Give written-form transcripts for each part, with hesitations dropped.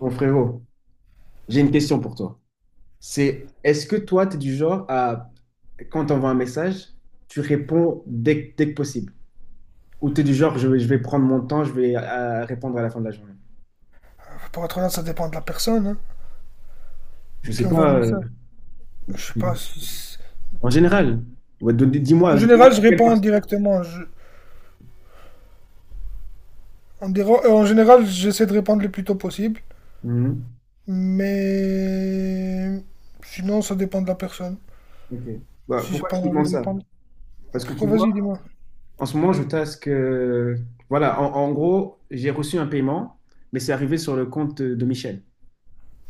Mon frérot, j'ai une question pour toi. C'est Est-ce que toi, tu es du genre à, quand on voit un message, tu réponds dès que possible? Ou tu es du genre, je vais prendre mon temps, je vais répondre à la fin de la journée? Pour être honnête, ça dépend de la personne, hein, Je sais qui envoie le pas. Message. Je sais pas. En général, ouais, En dis-moi, dis-moi général, je quelle réponds partie. directement. En général, j'essaie de répondre le plus tôt possible. Mhm. Mais sinon, ça dépend de la personne. Ok. Bah, Si j'ai pourquoi pas je te envie demande de ça? répondre. Parce que tu Pourquoi. vois, Vas-y, dis-moi. en ce moment, je tasque. Voilà, en gros, j'ai reçu un paiement, mais c'est arrivé sur le compte de Michel.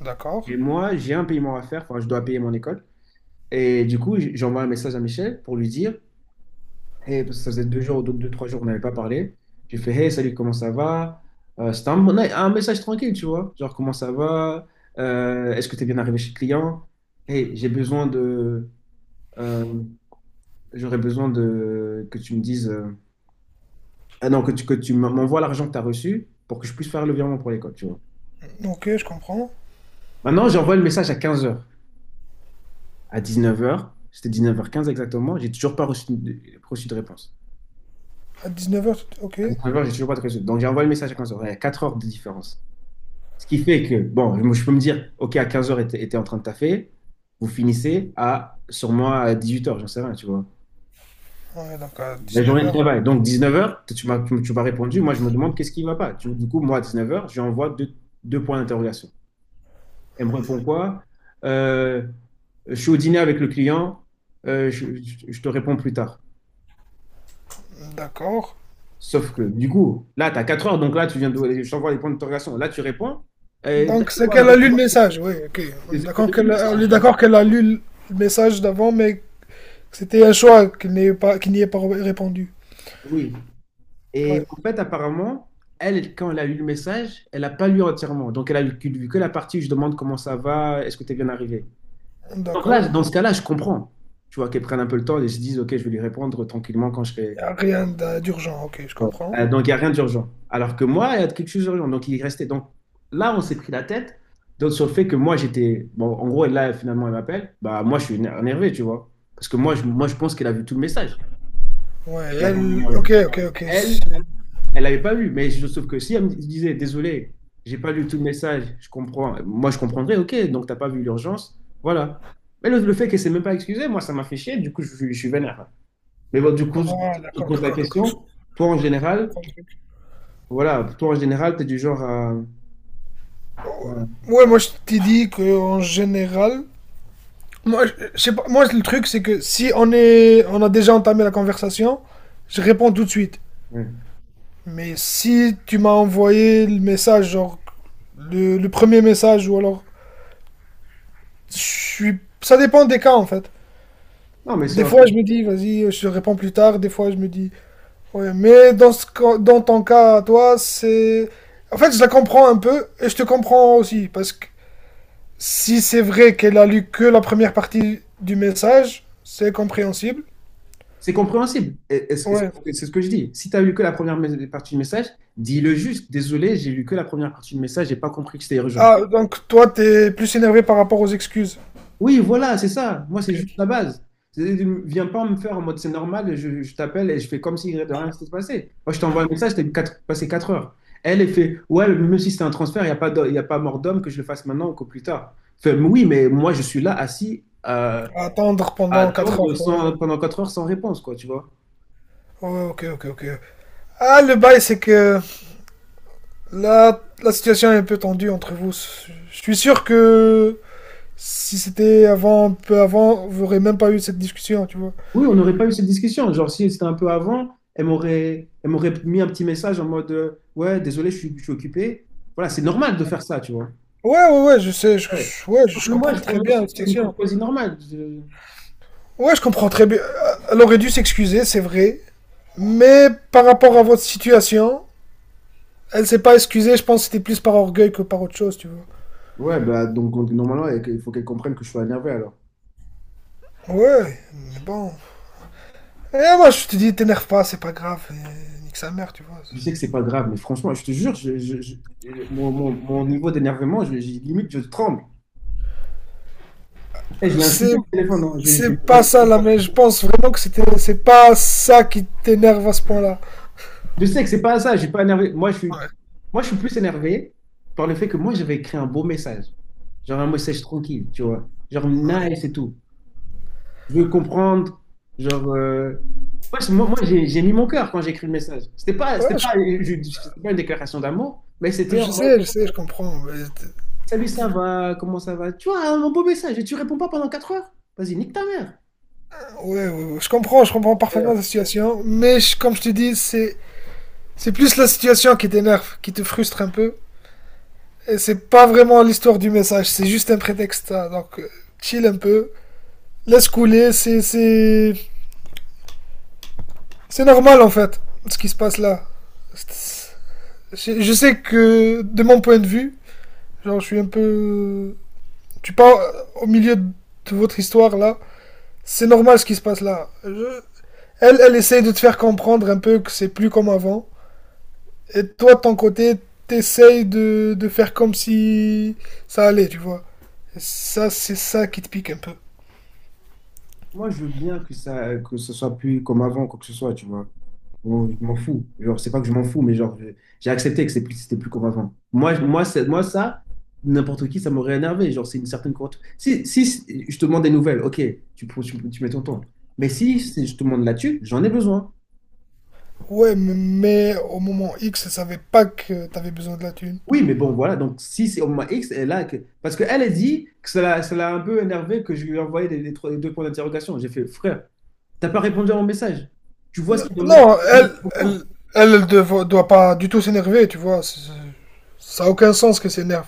D'accord. Et moi, j'ai un paiement à faire, enfin, je dois payer mon école. Et du coup, j'ai un message à Michel pour lui dire, hey, parce que ça faisait 2 jours, 3 jours, qu'on n'avait pas parlé. J'ai fait, hey, salut, comment ça va? C'était un message tranquille, tu vois. Genre, comment ça va? Est-ce que tu es bien arrivé chez le client? Hey, j'ai besoin de. euh, J'aurais besoin de que tu me dises. Ah non, que tu m'envoies l'argent que tu as reçu pour que je puisse faire le virement pour l'école, tu vois. Ok, je comprends. Maintenant, j'envoie le message à 15 heures. À 19 heures, c'était 19h15 exactement, j'ai toujours pas reçu de réponse. À 19h, ok. 9h, j'ai toujours pas de réseau. Donc, j'ai envoyé le message à 15h. Il y a 4 heures de différence. Ce qui fait que, bon, je peux me dire, OK, à 15h, était en train de taffer. Vous finissez à, sur moi à 18h, j'en sais rien, tu vois. Ouais, donc à La journée de 19h, travail. Donc, 19h, tu m'as répondu. Moi, je me demande qu'est-ce qui ne va pas. Du coup, moi, à 19h, je lui envoie deux points d'interrogation. Elle me répond quoi? Euh, je suis au dîner avec le client. Je te réponds plus tard. d'accord. Sauf que, du coup, là, tu as 4 heures. Donc là, tu viens de, je t'envoie les points d'interrogation. Là, tu réponds. Donc c'est Quoi, là? qu'elle a lu le message, oui, ok. J'ai On est d'accord eu le qu'elle a, on message, est tu vois. d'accord qu'elle a lu le message d'avant, mais c'était un choix qui n'y pas, qui n'y est pas répondu. Oui. Ouais, Et en fait, apparemment, elle, quand elle a eu le message, elle n'a pas lu entièrement. Donc, elle a lu que la partie où je demande comment ça va, est-ce que tu es bien arrivé. Donc d'accord. là, dans ce cas-là, je comprends. Tu vois, qu'elle prenne un peu le temps et se dise, OK, je vais lui répondre tranquillement quand je serai. Rien d'urgent, ok, je Ouais. comprends. Donc, il n'y a rien d'urgent. Alors que moi, il y a quelque chose d'urgent. Donc, il restait. Donc, là, on s'est pris la tête donc, sur le fait que moi, j'étais. Bon, en gros, là, finalement, elle m'appelle. Bah, moi, je suis énervé, tu vois. Parce que moi, je pense qu'elle a vu tout le message. Ouais, elle... Ok, ok, ok. Elle, Elle l'avait pas vu, mais sauf que si elle me disait, désolé, j'ai pas lu tout le message, je comprends. Moi, je comprendrais, ok, donc t'as pas vu l'urgence, voilà. Mais le fait qu'elle s'est même pas excusée, moi, ça m'a fait chier, du coup, je suis vénère. Mais bon, du coup, je Ah, je d'accord, pose la d'accord, d'accord. Je question. Toi, en général, comprends le truc. voilà, toi, en général, t'es du genre à... à- Ouais, moi je t'ai dit qu'en général... Moi, je sais pas, moi le truc c'est que si on, est, on a déjà entamé la conversation, je réponds tout de suite. ouais. Mais si tu m'as envoyé le message, genre le premier message, ou alors... Je suis... Ça dépend des cas en fait. Non, mais c'est Des fois, je me dis, vas-y, je te réponds plus tard. Des fois, je me dis, ouais, mais dans ton cas, toi, c'est. En fait, je la comprends un peu et je te comprends aussi. Parce que si c'est vrai qu'elle a lu que la première partie du message, c'est compréhensible. c'est compréhensible. Et- et C'est Ouais. c'est- c'est ce que je dis. Si t'as lu que la première partie du message, dis-le juste. Désolé, j'ai lu que la première partie du message, j'ai pas compris que c'était urgent. Ah, donc toi, t'es plus énervé par rapport aux excuses. Oui, voilà, c'est ça. Moi, c'est juste Ok. la base. C'est- Viens pas me faire en mode c'est normal, je t'appelle et je fais comme si de rien s'était passé. Moi, je t'envoie un message, t'as eu passé 4 heures. Elle, elle fait, ouais, même si c'est un transfert, il y a pas mort d'homme que je le fasse maintenant ou que plus tard. Fait, mais oui, mais moi, je suis là assis À attendre à pendant 4 heures. attendre Ouais. Pendant 4 heures sans réponse, quoi, tu vois. Ouais, ok, ok, ok. Ah, le bail, c'est que là, la situation est un peu tendue entre vous. Je suis sûr que si c'était avant, un peu avant, vous n'aurez même pas eu cette discussion, tu vois. Oui, on n'aurait pas eu cette discussion. Genre, si c'était un peu avant, elle m'aurait mis un petit message en mode, ouais, désolé, je suis occupé. Voilà, c'est normal de faire ça, tu vois. Ouais, ouais, ouais, je sais, Ouais. Ouais, je Mais moi, comprends je, moi, très je bien trouve la que c'est une situation. courtoisie normale. Ouais, je comprends très bien. Elle aurait dû s'excuser, c'est vrai. Mais par rapport à votre situation, elle s'est pas excusée, je pense que c'était plus par orgueil que par autre chose, tu vois. Ouais, bah, donc, normalement, ouais, il faut qu'elle comprenne que je suis énervé alors. Ouais, mais bon. Et moi, je te dis, t'énerve pas, c'est pas grave, et nique sa mère, tu vois. Je sais que c'est pas grave, mais franchement, je te jure, mon, mon niveau d'énervement, limite, je tremble. Eh, je l'ai insulté C'est, au téléphone, hein. Je, je c'est l'ai pas ça, là, mais je pense vraiment que c'était, c'est pas ça qui t'énerve à ce point-là. je sais que c'est pas ça, je suis pas énervé. Moi, je suis, Ouais, moi, je suis plus énervé par le fait que moi, j'avais écrit un beau message. Genre un message tranquille, tu vois. Genre nice et tout. Je veux comprendre. Genre, ouais, moi, j'ai mis mon cœur quand j'ai écrit le message. C'était pas, ouais, c'était je, pas, je- c'était pas une déclaration d'amour, mais c'était Je en mode, sais, je sais, je comprends, mais salut, t- ça va, comment ça va? Tu vois, un beau message et tu réponds pas pendant 4 heures? Vas-y, nique ta mère. ouais, ouais, ouais, je comprends Euh, parfaitement la situation, mais comme je te dis, c'est plus la situation qui t'énerve, qui te frustre un peu. Et c'est pas vraiment l'histoire du message, c'est juste un prétexte, hein, donc, chill un peu, laisse couler, c'est normal en fait, ce qui se passe là. C'est- je sais que de mon point de vue, genre je suis un peu, tu parles au milieu de votre histoire là, c'est normal ce qui se passe là. Elle, elle essaye de te faire comprendre un peu que c'est plus comme avant. Et toi, de ton côté, t'essayes de faire comme si ça allait, tu vois. Et ça, c'est ça qui te pique un peu. Moi, je veux bien que ça, que ce soit plus comme avant, quoi que ce soit, tu vois. Bon, je m'en fous. Genre, c'est pas que je m'en fous, mais genre, j'ai accepté que c'était plus convaincant. Moi, je- moi, c'est- moi ça, n'importe qui, ça m'aurait énervé. Genre, c'est une certaine courte. Si je te demande des nouvelles, ok, tu mets ton temps. Mais si je te demande là-dessus, j'en ai besoin. Ouais, mais, au moment X, elle savait pas que t'avais besoin de la thune. Oui, mais bon, voilà. Donc, si c'est au moins X, elle a que... Parce qu'elle a dit que ça l'a un peu énervé que je lui ai envoyé les deux points d'interrogation. J'ai fait, frère, t'as pas répondu à mon message. Tu vois ce qu'il y a dans le message. Non, Non, elle, je comprends. elle, elle, elle doit pas du tout s'énerver, tu vois. Ça a aucun sens que s'énerve.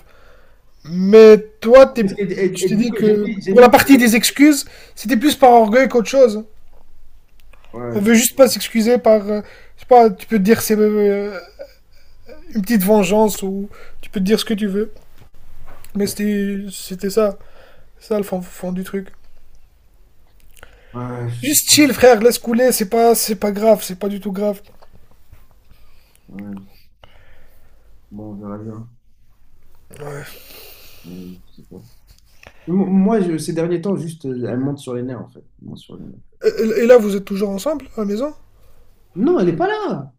Mais toi, Parce qu'tu t'es elle dit dit que que j'ai pour mis la mon... partie des excuses, c'était plus par orgueil qu'autre chose. Ouais, Elle je- veut juste pas s'excuser par, je sais pas, tu peux te dire c'est une petite vengeance ou tu peux te dire ce que tu veux. Mais c'était ça. Ça le fond du truc. Ouais, je sais Juste pas. chill, frère, laisse couler, c'est pas grave, c'est pas du tout grave. Ouais. Bon, on verra bien. Mais je sais pas. Moi, ces derniers temps, juste, elle monte sur les nerfs, en fait. Elle monte sur les nerfs. Et là, vous êtes toujours ensemble à la maison? Non, elle n'est pas là.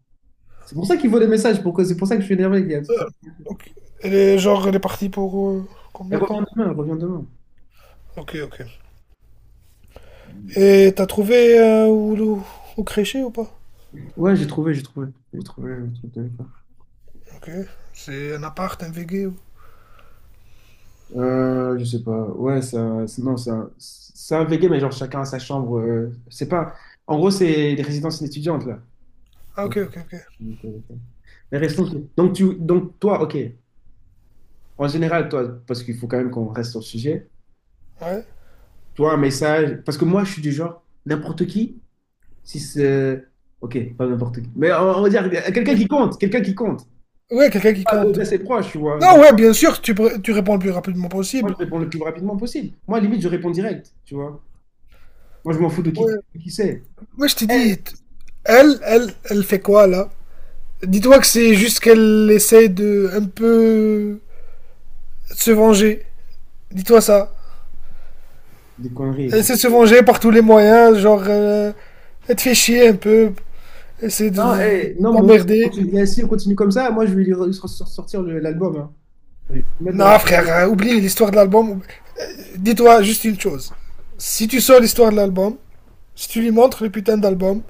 C'est pour ça qu'il voit des messages. C'est pour ça que je suis énervé. Donc, elle est genre, elle est partie pour Elle combien de revient temps? demain, elle revient demain. Ok, ok. Et t'as trouvé où, où, crécher ou pas? Ouais, j'ai trouvé, j'ai trouvé. J'ai trouvé le truc de l'époque. Ok. C'est un appart, un VG ou... Je sais pas. Ouais, ça, non, c'est un, VG, mais genre chacun a sa chambre. C'est pas. En gros, c'est les résidences étudiantes, là. Ah, ok, ok, ok. Les résidences- Donc, donc, toi, ok. En général, toi, parce qu'il faut quand même qu'on reste sur le sujet. Ouais. Tu vois, un message. Parce que moi, je suis du genre, n'importe qui, si c'est. Ok, pas n'importe qui. Mais on va dire, quelqu'un qui compte, quelqu'un qui compte. Ouais, quelqu'un qui Pas compte. d'assez proche, tu vois. Non, Genre, ouais, bien sûr, tu, tu réponds le plus rapidement moi, possible. je réponds le plus rapidement possible. Moi, limite, je réponds direct, tu vois. Moi, je m'en fous de Ouais, qui c'est. ouais je t'ai dit, elle fait quoi là? Dis-toi que c'est juste qu'elle essaie de un peu se venger. Dis-toi ça. Des conneries, Elle frère. essaie de se venger par tous les moyens, genre, elle te fait chier un peu, essaie Non, eh, non, moi, si on t'emmerder. continue, si on continue comme ça, moi, je vais lui sortir l'album, hein. Je vais le mettre dans la. Non, frère, hein, oublie l'histoire de l'album. Dis-toi juste une chose. Si tu sors l'histoire de l'album, si tu lui montres le putain d'album,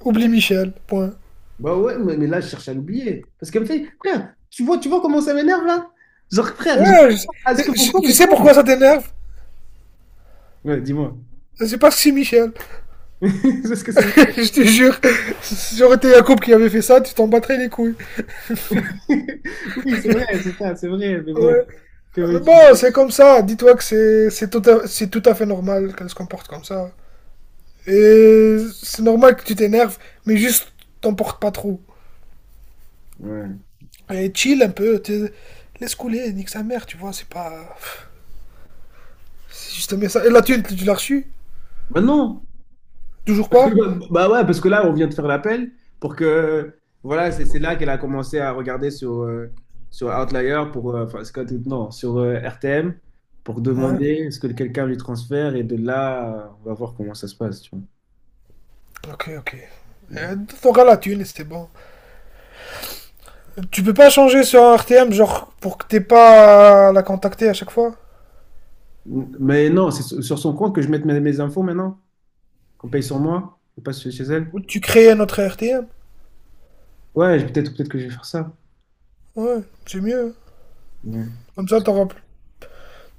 oublie Michel, point. Bah ouais, mais là, je cherche à l'oublier. Parce qu'elle me fait, frère, tu vois comment ça m'énerve là? Genre, frère, Ouais, à ce que mon corps, tu il sais tremble. pourquoi ça t'énerve? Ouais, dis-moi. C'est parce que c'est Michel. Parce que c'est... je te jure. Si j'aurais été Jacob qui avait fait ça, tu t'en battrais les couilles. Oui, c'est vrai, c'est ça, c'est vrai, mais bon, Ouais. que Mais veux-tu? bon, c'est comme ça. Dis-toi que c'est tout à fait normal qu'elle se comporte comme ça. Et c'est normal que tu t'énerves, mais juste t'en portes pas trop. Ouais. Et chill un peu. Laisse couler, nique sa mère, tu vois. C'est pas. C'est juste un message. Et la thune, tu l'as reçue? Bah non. Toujours Parce que, pas? bah, bah ouais, parce que là, on vient de faire l'appel pour que. Voilà, c'est là qu'elle a commencé à regarder sur, sur Outlier, pour, enfin, c'est quoi, non, sur RTM, pour Ouais. demander est ce que quelqu'un lui transfère. Et de là, on va voir comment ça se passe. Tu Ok, ok. vois. T'auras la thune et c'était bon. Tu peux pas changer sur un RTM, genre, pour que t'aies pas à la contacter à chaque fois? Mais non, c'est sur son compte que je mette mes infos maintenant, qu'on paye sur moi, et pas chez elle. Ou tu crées un autre RTM. Ouais, peut-être que je vais faire ça. Ouais, c'est mieux. Ouais. Comme ça,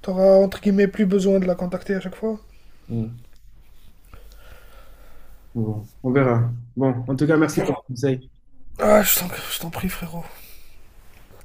t'auras entre guillemets plus besoin de la contacter à chaque fois. Ouais. Bon, on verra. Bon, en tout cas, On merci pour verra. le conseil. Ah, je t'en prie, frérot.